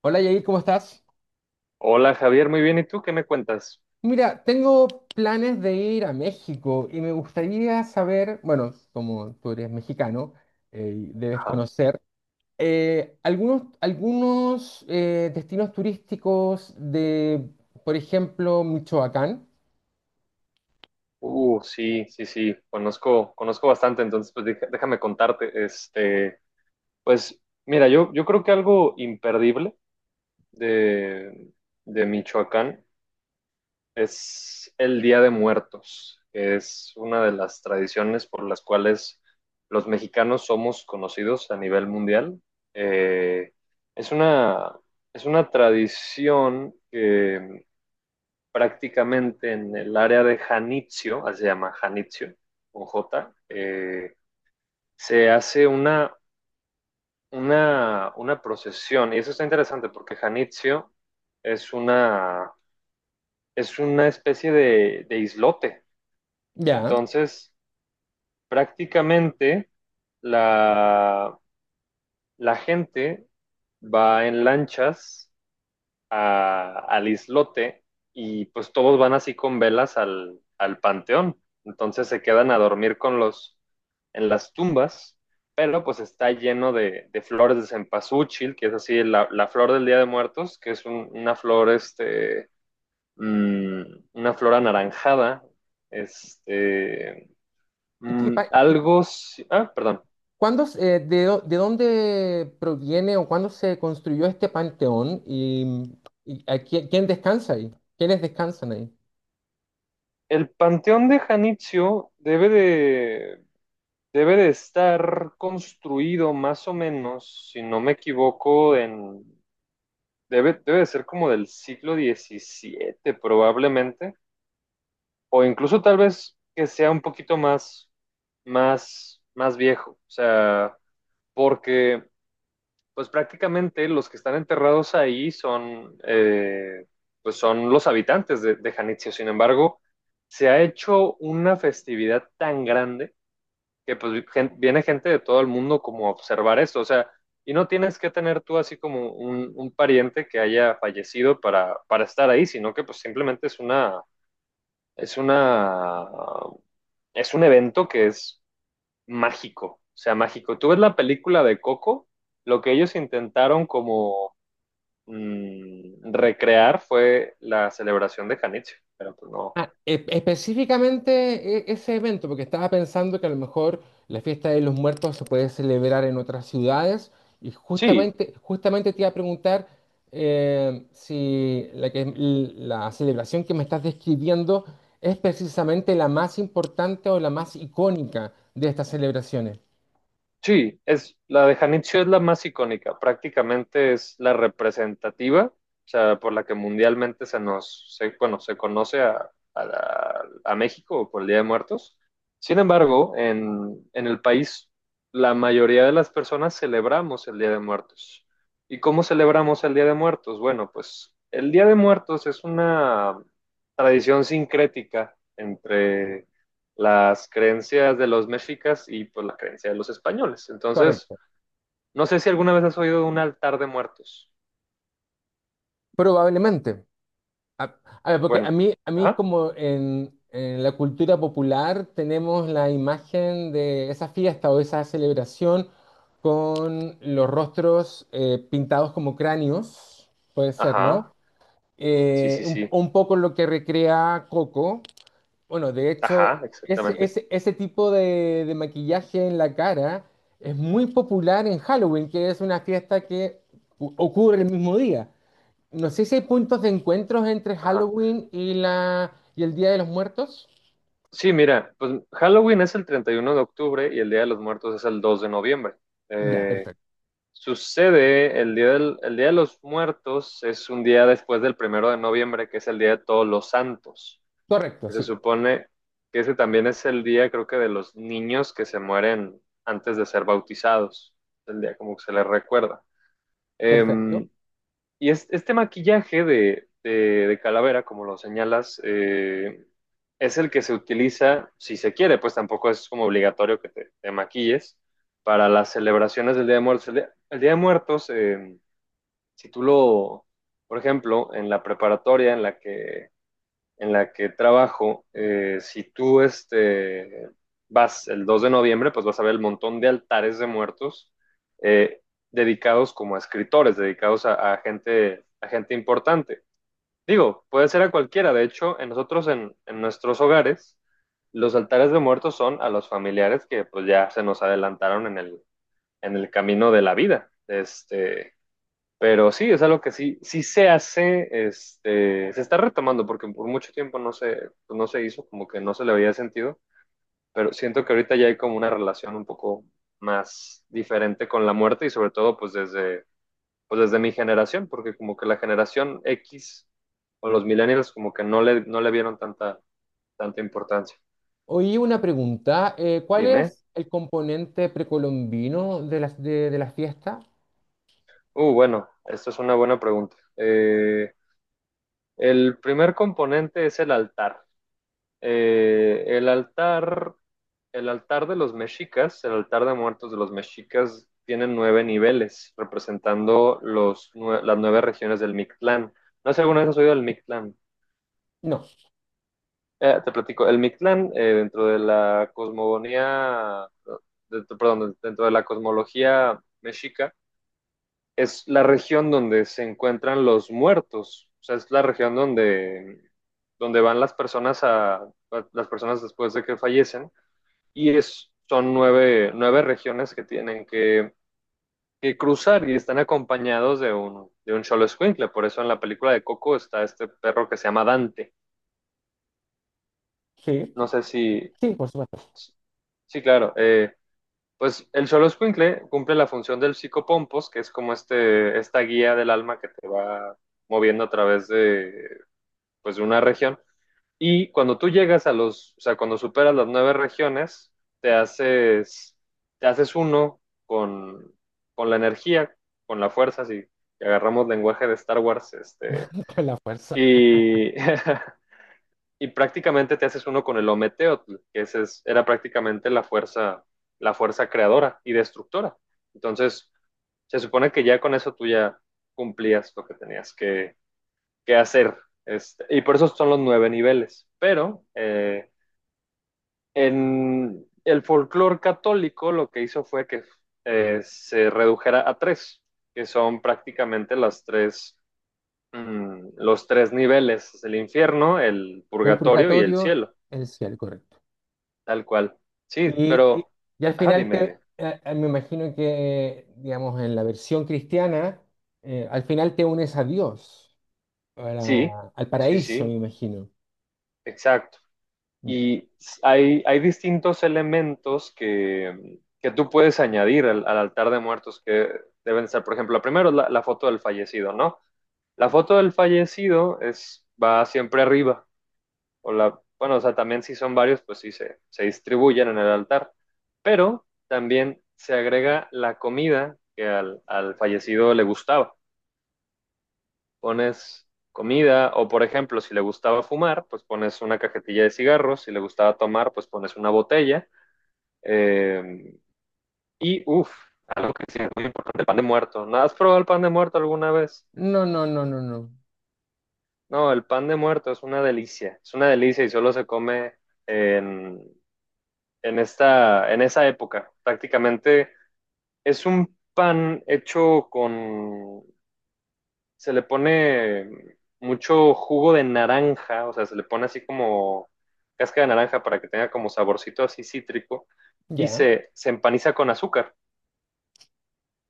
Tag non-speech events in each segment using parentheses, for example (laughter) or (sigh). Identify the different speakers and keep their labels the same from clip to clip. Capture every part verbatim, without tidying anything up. Speaker 1: Hola Yair, ¿cómo estás?
Speaker 2: Hola Javier, muy bien. ¿Y tú qué me cuentas?
Speaker 1: Mira, tengo planes de ir a México y me gustaría saber, bueno, como tú eres mexicano, eh, y debes
Speaker 2: Ajá.
Speaker 1: conocer eh, algunos, algunos eh, destinos turísticos de, por ejemplo, Michoacán.
Speaker 2: Uh, sí, sí, sí. Conozco, conozco bastante, entonces pues deja- déjame contarte. Este, pues mira, yo, yo creo que algo imperdible de, de Michoacán es el Día de Muertos, que es una de las tradiciones por las cuales los mexicanos somos conocidos a nivel mundial. Eh, es una, es una tradición prácticamente en el área de Janitzio, así se llama Janitzio, con jota, eh, se hace una, una, una procesión. Y eso está interesante porque Janitzio es una, es una especie de, de islote.
Speaker 1: Ya.
Speaker 2: Entonces, prácticamente la, la gente va en lanchas a, al islote y pues todos van así con velas al, al panteón. Entonces se quedan a dormir con los, en las tumbas, pero pues está lleno de, de flores de cempasúchil, que es así la, la, flor del Día de Muertos, que es un, una flor, este, mmm, una flor anaranjada, este,
Speaker 1: ¿Y, qué
Speaker 2: mmm,
Speaker 1: pa- y qué-
Speaker 2: algo, si, ah, perdón,
Speaker 1: cuándo se- eh, de, dó- de dónde proviene o cuándo se construyó este panteón? ¿Y, y a quién, quién descansa ahí? ¿Quiénes descansan ahí?
Speaker 2: el panteón de Janitzio debe de debe de estar construido más o menos, si no me equivoco, en... Debe, debe de ser como del siglo diecisiete probablemente, o incluso tal vez que sea un poquito más, más, más viejo, o sea, porque pues prácticamente los que están enterrados ahí son, eh, pues son los habitantes de, de Janitzio. Sin embargo, se ha hecho una festividad tan grande que pues gen- viene gente de todo el mundo como a observar esto, o sea, y no tienes que tener tú así como un, un pariente que haya fallecido para, para estar ahí, sino que pues simplemente es una, es una, es un evento que es mágico, o sea, mágico. Tú ves la película de Coco, lo que ellos intentaron como mm, recrear fue la celebración de Janitzio, pero pues no.
Speaker 1: Ah, e- específicamente e- ese evento, porque estaba pensando que a lo mejor la fiesta de los muertos se puede celebrar en otras ciudades y
Speaker 2: Sí,
Speaker 1: justamente, justamente te iba a preguntar, eh, si la, que- la celebración que me estás describiendo es precisamente la más importante o la más icónica de estas celebraciones.
Speaker 2: sí, es la de Janitzio es la más icónica, prácticamente es la representativa, o sea, por la que mundialmente se nos, se, bueno, se conoce a, a la- a México por el Día de Muertos. Sin embargo, en, en el país, la mayoría de las personas celebramos el Día de Muertos. ¿Y cómo celebramos el Día de Muertos? Bueno, pues el Día de Muertos es una tradición sincrética entre las creencias de los mexicas y pues la creencia de los españoles. Entonces,
Speaker 1: Correcto.
Speaker 2: no sé si alguna vez has oído de un altar de muertos.
Speaker 1: Probablemente. A, a ver, porque a
Speaker 2: Bueno,
Speaker 1: mí, a mí,
Speaker 2: ajá,
Speaker 1: como en, en la cultura popular, tenemos la imagen de esa fiesta o esa celebración con los rostros eh, pintados como cráneos, puede ser,
Speaker 2: ajá,
Speaker 1: ¿no?
Speaker 2: sí,
Speaker 1: Eh,
Speaker 2: sí,
Speaker 1: un,
Speaker 2: sí,
Speaker 1: un poco lo que recrea Coco. Bueno, de hecho,
Speaker 2: ajá,
Speaker 1: ese,
Speaker 2: exactamente,
Speaker 1: ese, ese tipo de de maquillaje en la cara es muy popular en Halloween, que es una fiesta que u- ocurre el mismo día. No sé si hay puntos de encuentros entre
Speaker 2: ajá.
Speaker 1: Halloween y la y el Día de los Muertos.
Speaker 2: Sí, mira, pues Halloween es el treinta y uno de octubre y el Día de los Muertos es el dos de noviembre.
Speaker 1: Ya,
Speaker 2: Eh,
Speaker 1: perfecto.
Speaker 2: sucede, el día, del- el día de los Muertos es un día después del primero de noviembre, que es el Día de Todos los Santos.
Speaker 1: Correcto,
Speaker 2: Que se
Speaker 1: sí.
Speaker 2: supone que ese también es el día, creo que, de los niños que se mueren antes de ser bautizados. El día como que se les recuerda.
Speaker 1: Perfecto.
Speaker 2: Em, y es- este maquillaje de, de- de calavera, como lo señalas, eh, es el que se utiliza si se quiere, pues tampoco es como obligatorio que te, te maquilles para las celebraciones del Día de Muertos. El Día, el Día de Muertos, eh, si tú lo, por ejemplo, en la preparatoria en la que en la que trabajo, eh, si tú este, vas el dos de noviembre, pues vas a ver el montón de altares de muertos eh, dedicados como a escritores, dedicados a, a, gente, a gente importante. Digo, puede ser a cualquiera. De hecho, en nosotros, en, en nuestros hogares, los altares de muertos son a los familiares que pues ya se nos adelantaron en el, en el camino de la vida. Este, pero sí, es algo que sí, sí se hace, este, se está retomando, porque por mucho tiempo no se, pues no se hizo, como que no se le había sentido, pero siento que ahorita ya hay como una relación un poco más diferente con la muerte y sobre todo pues desde, pues desde mi generación, porque como que la generación X o los millennials como que no le, no le vieron tanta, tanta importancia.
Speaker 1: Oí una pregunta. Eh, ¿cuál
Speaker 2: Dime.
Speaker 1: es el componente precolombino de la, de, de la fiesta?
Speaker 2: Uh, bueno, esta es una buena pregunta. Eh, el primer componente es el altar. Eh, el altar El altar de los mexicas, el altar de muertos de los mexicas, tiene nueve niveles, representando los, las nueve regiones del Mictlán. No sé si alguna vez has oído del Mictlán.
Speaker 1: No.
Speaker 2: Eh, te platico, el Mictlán, eh, dentro de la cosmogonía, dentro- perdón, dentro de la cosmología mexica, es la región donde se encuentran los muertos. O sea, es la región donde, donde van las personas a, las personas después de que fallecen y es, son nueve, nueve regiones que tienen que, que cruzar y están acompañados de un, de un cholo escuincle. Por eso en la película de Coco está este perro que se llama Dante.
Speaker 1: Sí.
Speaker 2: No sé si,
Speaker 1: Sí, por supuesto.
Speaker 2: sí, claro. eh, pues el cholo escuincle cumple la función del psicopompos, que es como este, esta guía del alma que te va moviendo a través de, pues, de una región. Y cuando tú llegas a los, o sea, cuando superas las nueve regiones, te haces, te haces uno con, con la energía, con la fuerza, si agarramos lenguaje de Star Wars, este,
Speaker 1: (laughs) Con la fuerza.
Speaker 2: y, (laughs) y prácticamente te haces uno con el Ometeotl, que ese es- era prácticamente la fuerza, la fuerza creadora y destructora. Entonces, se supone que ya con eso tú ya cumplías lo que tenías que, que hacer. Este, y por eso son los nueve niveles. Pero eh, en el folclore católico lo que hizo fue que eh, se redujera a tres, que son prácticamente las tres, mm, los tres niveles, el infierno, el
Speaker 1: El
Speaker 2: purgatorio y el
Speaker 1: purgatorio,
Speaker 2: cielo,
Speaker 1: el cielo, correcto.
Speaker 2: tal cual. Sí,
Speaker 1: Y, y-
Speaker 2: pero,
Speaker 1: y al
Speaker 2: ajá,
Speaker 1: final
Speaker 2: dime,
Speaker 1: te-
Speaker 2: dime.
Speaker 1: eh, eh, Me imagino que, digamos, en la versión cristiana, eh, al final te unes a Dios, a
Speaker 2: Sí,
Speaker 1: la- al
Speaker 2: sí,
Speaker 1: paraíso, me
Speaker 2: sí,
Speaker 1: imagino.
Speaker 2: exacto.
Speaker 1: Ya.
Speaker 2: Y hay, hay distintos elementos que, que tú puedes añadir al, al altar de muertos que deben estar, por ejemplo, primero la, la foto del fallecido, ¿no? La foto del fallecido es, va siempre arriba. O la, bueno, o sea, también si son varios, pues sí se, se distribuyen en el altar. Pero también se agrega la comida que al, al fallecido le gustaba. Pones comida o, por ejemplo, si le gustaba fumar, pues pones una cajetilla de cigarros. Si le gustaba tomar, pues pones una botella. Eh, y, uff, algo que sí es muy importante, el pan de muerto. ¿No ¿Has probado el pan de muerto alguna vez?
Speaker 1: No, no, no, no, no.
Speaker 2: No, el pan de muerto es una delicia, es una delicia y solo se come en, en esta, en esa época. Prácticamente es un pan hecho con, se le pone mucho jugo de naranja, o sea, se le pone así como cáscara de naranja para que tenga como saborcito así cítrico y
Speaker 1: Ya,
Speaker 2: se, se empaniza con azúcar.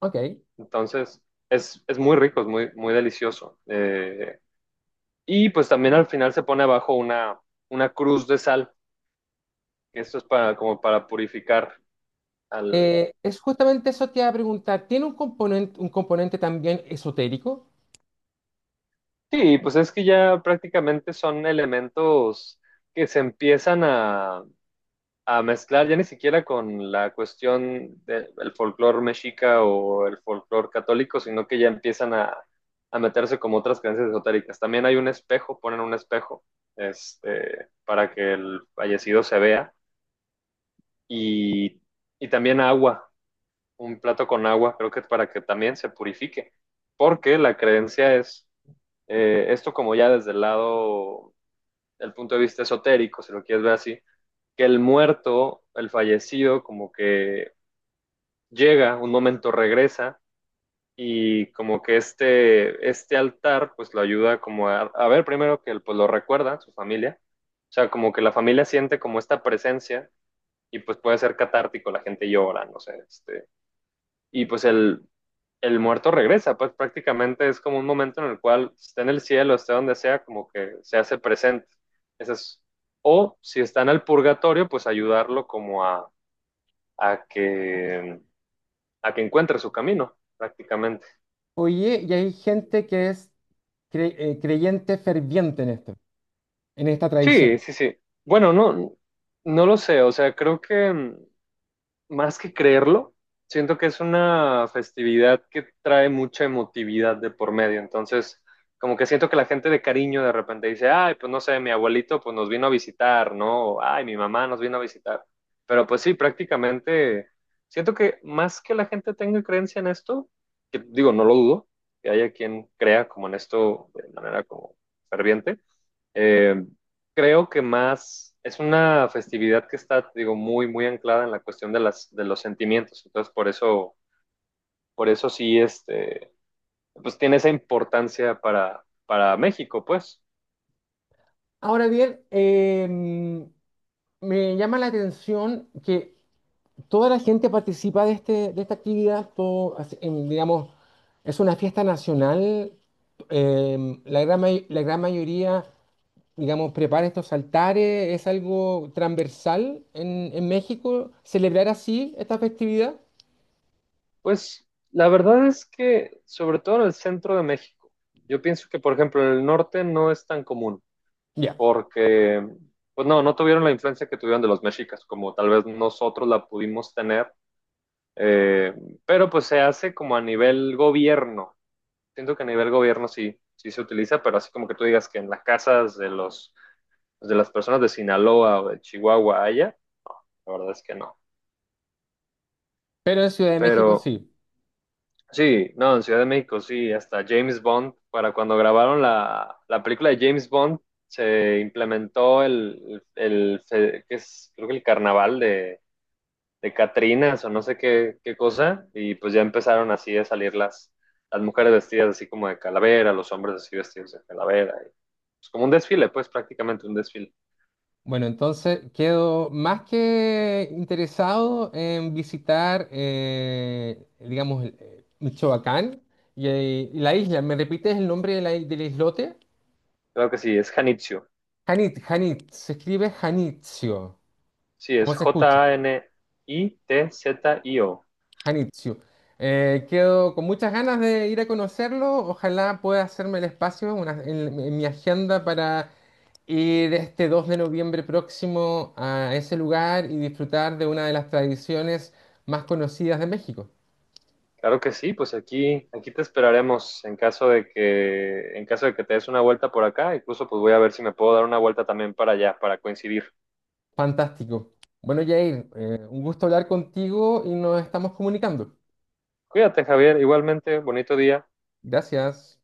Speaker 1: ok.
Speaker 2: Entonces, es, es muy rico, es muy, muy delicioso. Eh, y pues también al final se pone abajo una, una cruz de sal. Esto es para, como para purificar al...
Speaker 1: Eh, es justamente eso que iba a preguntar. ¿Tiene un componente, un componente también esotérico?
Speaker 2: Sí, pues es que ya prácticamente son elementos que se empiezan a, a mezclar ya ni siquiera con la cuestión del folclore mexica o el folclore católico, sino que ya empiezan a, a meterse como otras creencias esotéricas. También hay un espejo, ponen un espejo este, para que el fallecido se vea y, y también agua. Un plato con agua, creo que para que también se purifique, porque la creencia es, eh, esto como ya desde el lado, el punto de vista esotérico, si lo quieres ver así, que el muerto, el fallecido, como que llega, un momento regresa y como que este, este altar pues lo ayuda como a, a ver primero que él, pues lo recuerda, su familia, o sea, como que la familia siente como esta presencia y pues puede ser catártico, la gente llora, no sé, este, y pues el, el muerto regresa, pues prácticamente es como un momento en el cual esté en el cielo, esté donde sea, como que se hace presente. Ese es- o si está en el purgatorio, pues ayudarlo como a, a que, a que encuentre su camino, prácticamente.
Speaker 1: Oye, y hay gente que es cre- eh, creyente ferviente en esto, en esta
Speaker 2: Sí,
Speaker 1: tradición.
Speaker 2: sí, sí. Bueno, no, no lo sé, o sea, creo que mm, más que creerlo, siento que es una festividad que trae mucha emotividad de por medio. Entonces, como que siento que la gente de cariño de repente dice, ay, pues no sé, mi abuelito pues nos vino a visitar, ¿no? O, ay, mi mamá nos vino a visitar. Pero pues sí, prácticamente siento que más que la gente tenga creencia en esto, que digo, no lo dudo, que haya quien crea como en esto de manera como ferviente, eh, creo que más es una festividad que está, digo, muy, muy anclada en la cuestión de las, de los sentimientos. Entonces, por eso, por eso sí, este, pues tiene esa importancia para, para México, pues.
Speaker 1: Ahora bien, eh, me llama la atención que toda la gente participa de este, de esta actividad, todo, así, en, digamos, es una fiesta nacional. Eh, la gran, may- la gran mayoría, digamos, prepara estos altares, es algo transversal en, en México, celebrar así esta festividad.
Speaker 2: Pues la verdad es que, sobre todo en el centro de México, yo pienso que, por ejemplo, en el norte no es tan común,
Speaker 1: Ya.
Speaker 2: porque, pues no, no tuvieron la influencia que tuvieron de los mexicas, como tal vez nosotros la pudimos tener, eh, pero pues se hace como a nivel gobierno. Siento que a nivel gobierno sí, sí se utiliza, pero así como que tú digas que en las casas de los de las personas de Sinaloa o de Chihuahua haya, la verdad es que no.
Speaker 1: Pero en Ciudad de México
Speaker 2: Pero
Speaker 1: sí.
Speaker 2: sí, no, en Ciudad de México sí, hasta James Bond, para cuando grabaron la, la película de James Bond, se implementó el, el, el que es, creo que el carnaval de, de Catrinas o no sé qué, qué cosa, y pues ya empezaron así a salir las, las mujeres vestidas así como de calavera, los hombres así vestidos de calavera, es como un desfile, pues prácticamente un desfile.
Speaker 1: Bueno, entonces quedo más que interesado en visitar, eh, digamos, eh, Michoacán y, eh, y la isla. ¿Me repites el nombre de la i- del islote?
Speaker 2: Claro que sí, es Janitzio.
Speaker 1: Janit, Janit, se escribe Janitzio.
Speaker 2: Sí, es
Speaker 1: ¿Cómo se escucha?
Speaker 2: J A N I T Z I O.
Speaker 1: Hanitsu. Eh, quedo con muchas ganas de ir a conocerlo. Ojalá pueda hacerme el espacio una- en, en mi agenda para ir este dos de noviembre próximo a ese lugar y disfrutar de una de las tradiciones más conocidas de México.
Speaker 2: Claro que sí, pues aquí, aquí te esperaremos en caso de que, en caso de que te des una vuelta por acá. Incluso pues voy a ver si me puedo dar una vuelta también para allá, para coincidir.
Speaker 1: Fantástico. Bueno, Jair, eh, un gusto hablar contigo y nos estamos comunicando.
Speaker 2: Cuídate, Javier. Igualmente, bonito día.
Speaker 1: Gracias.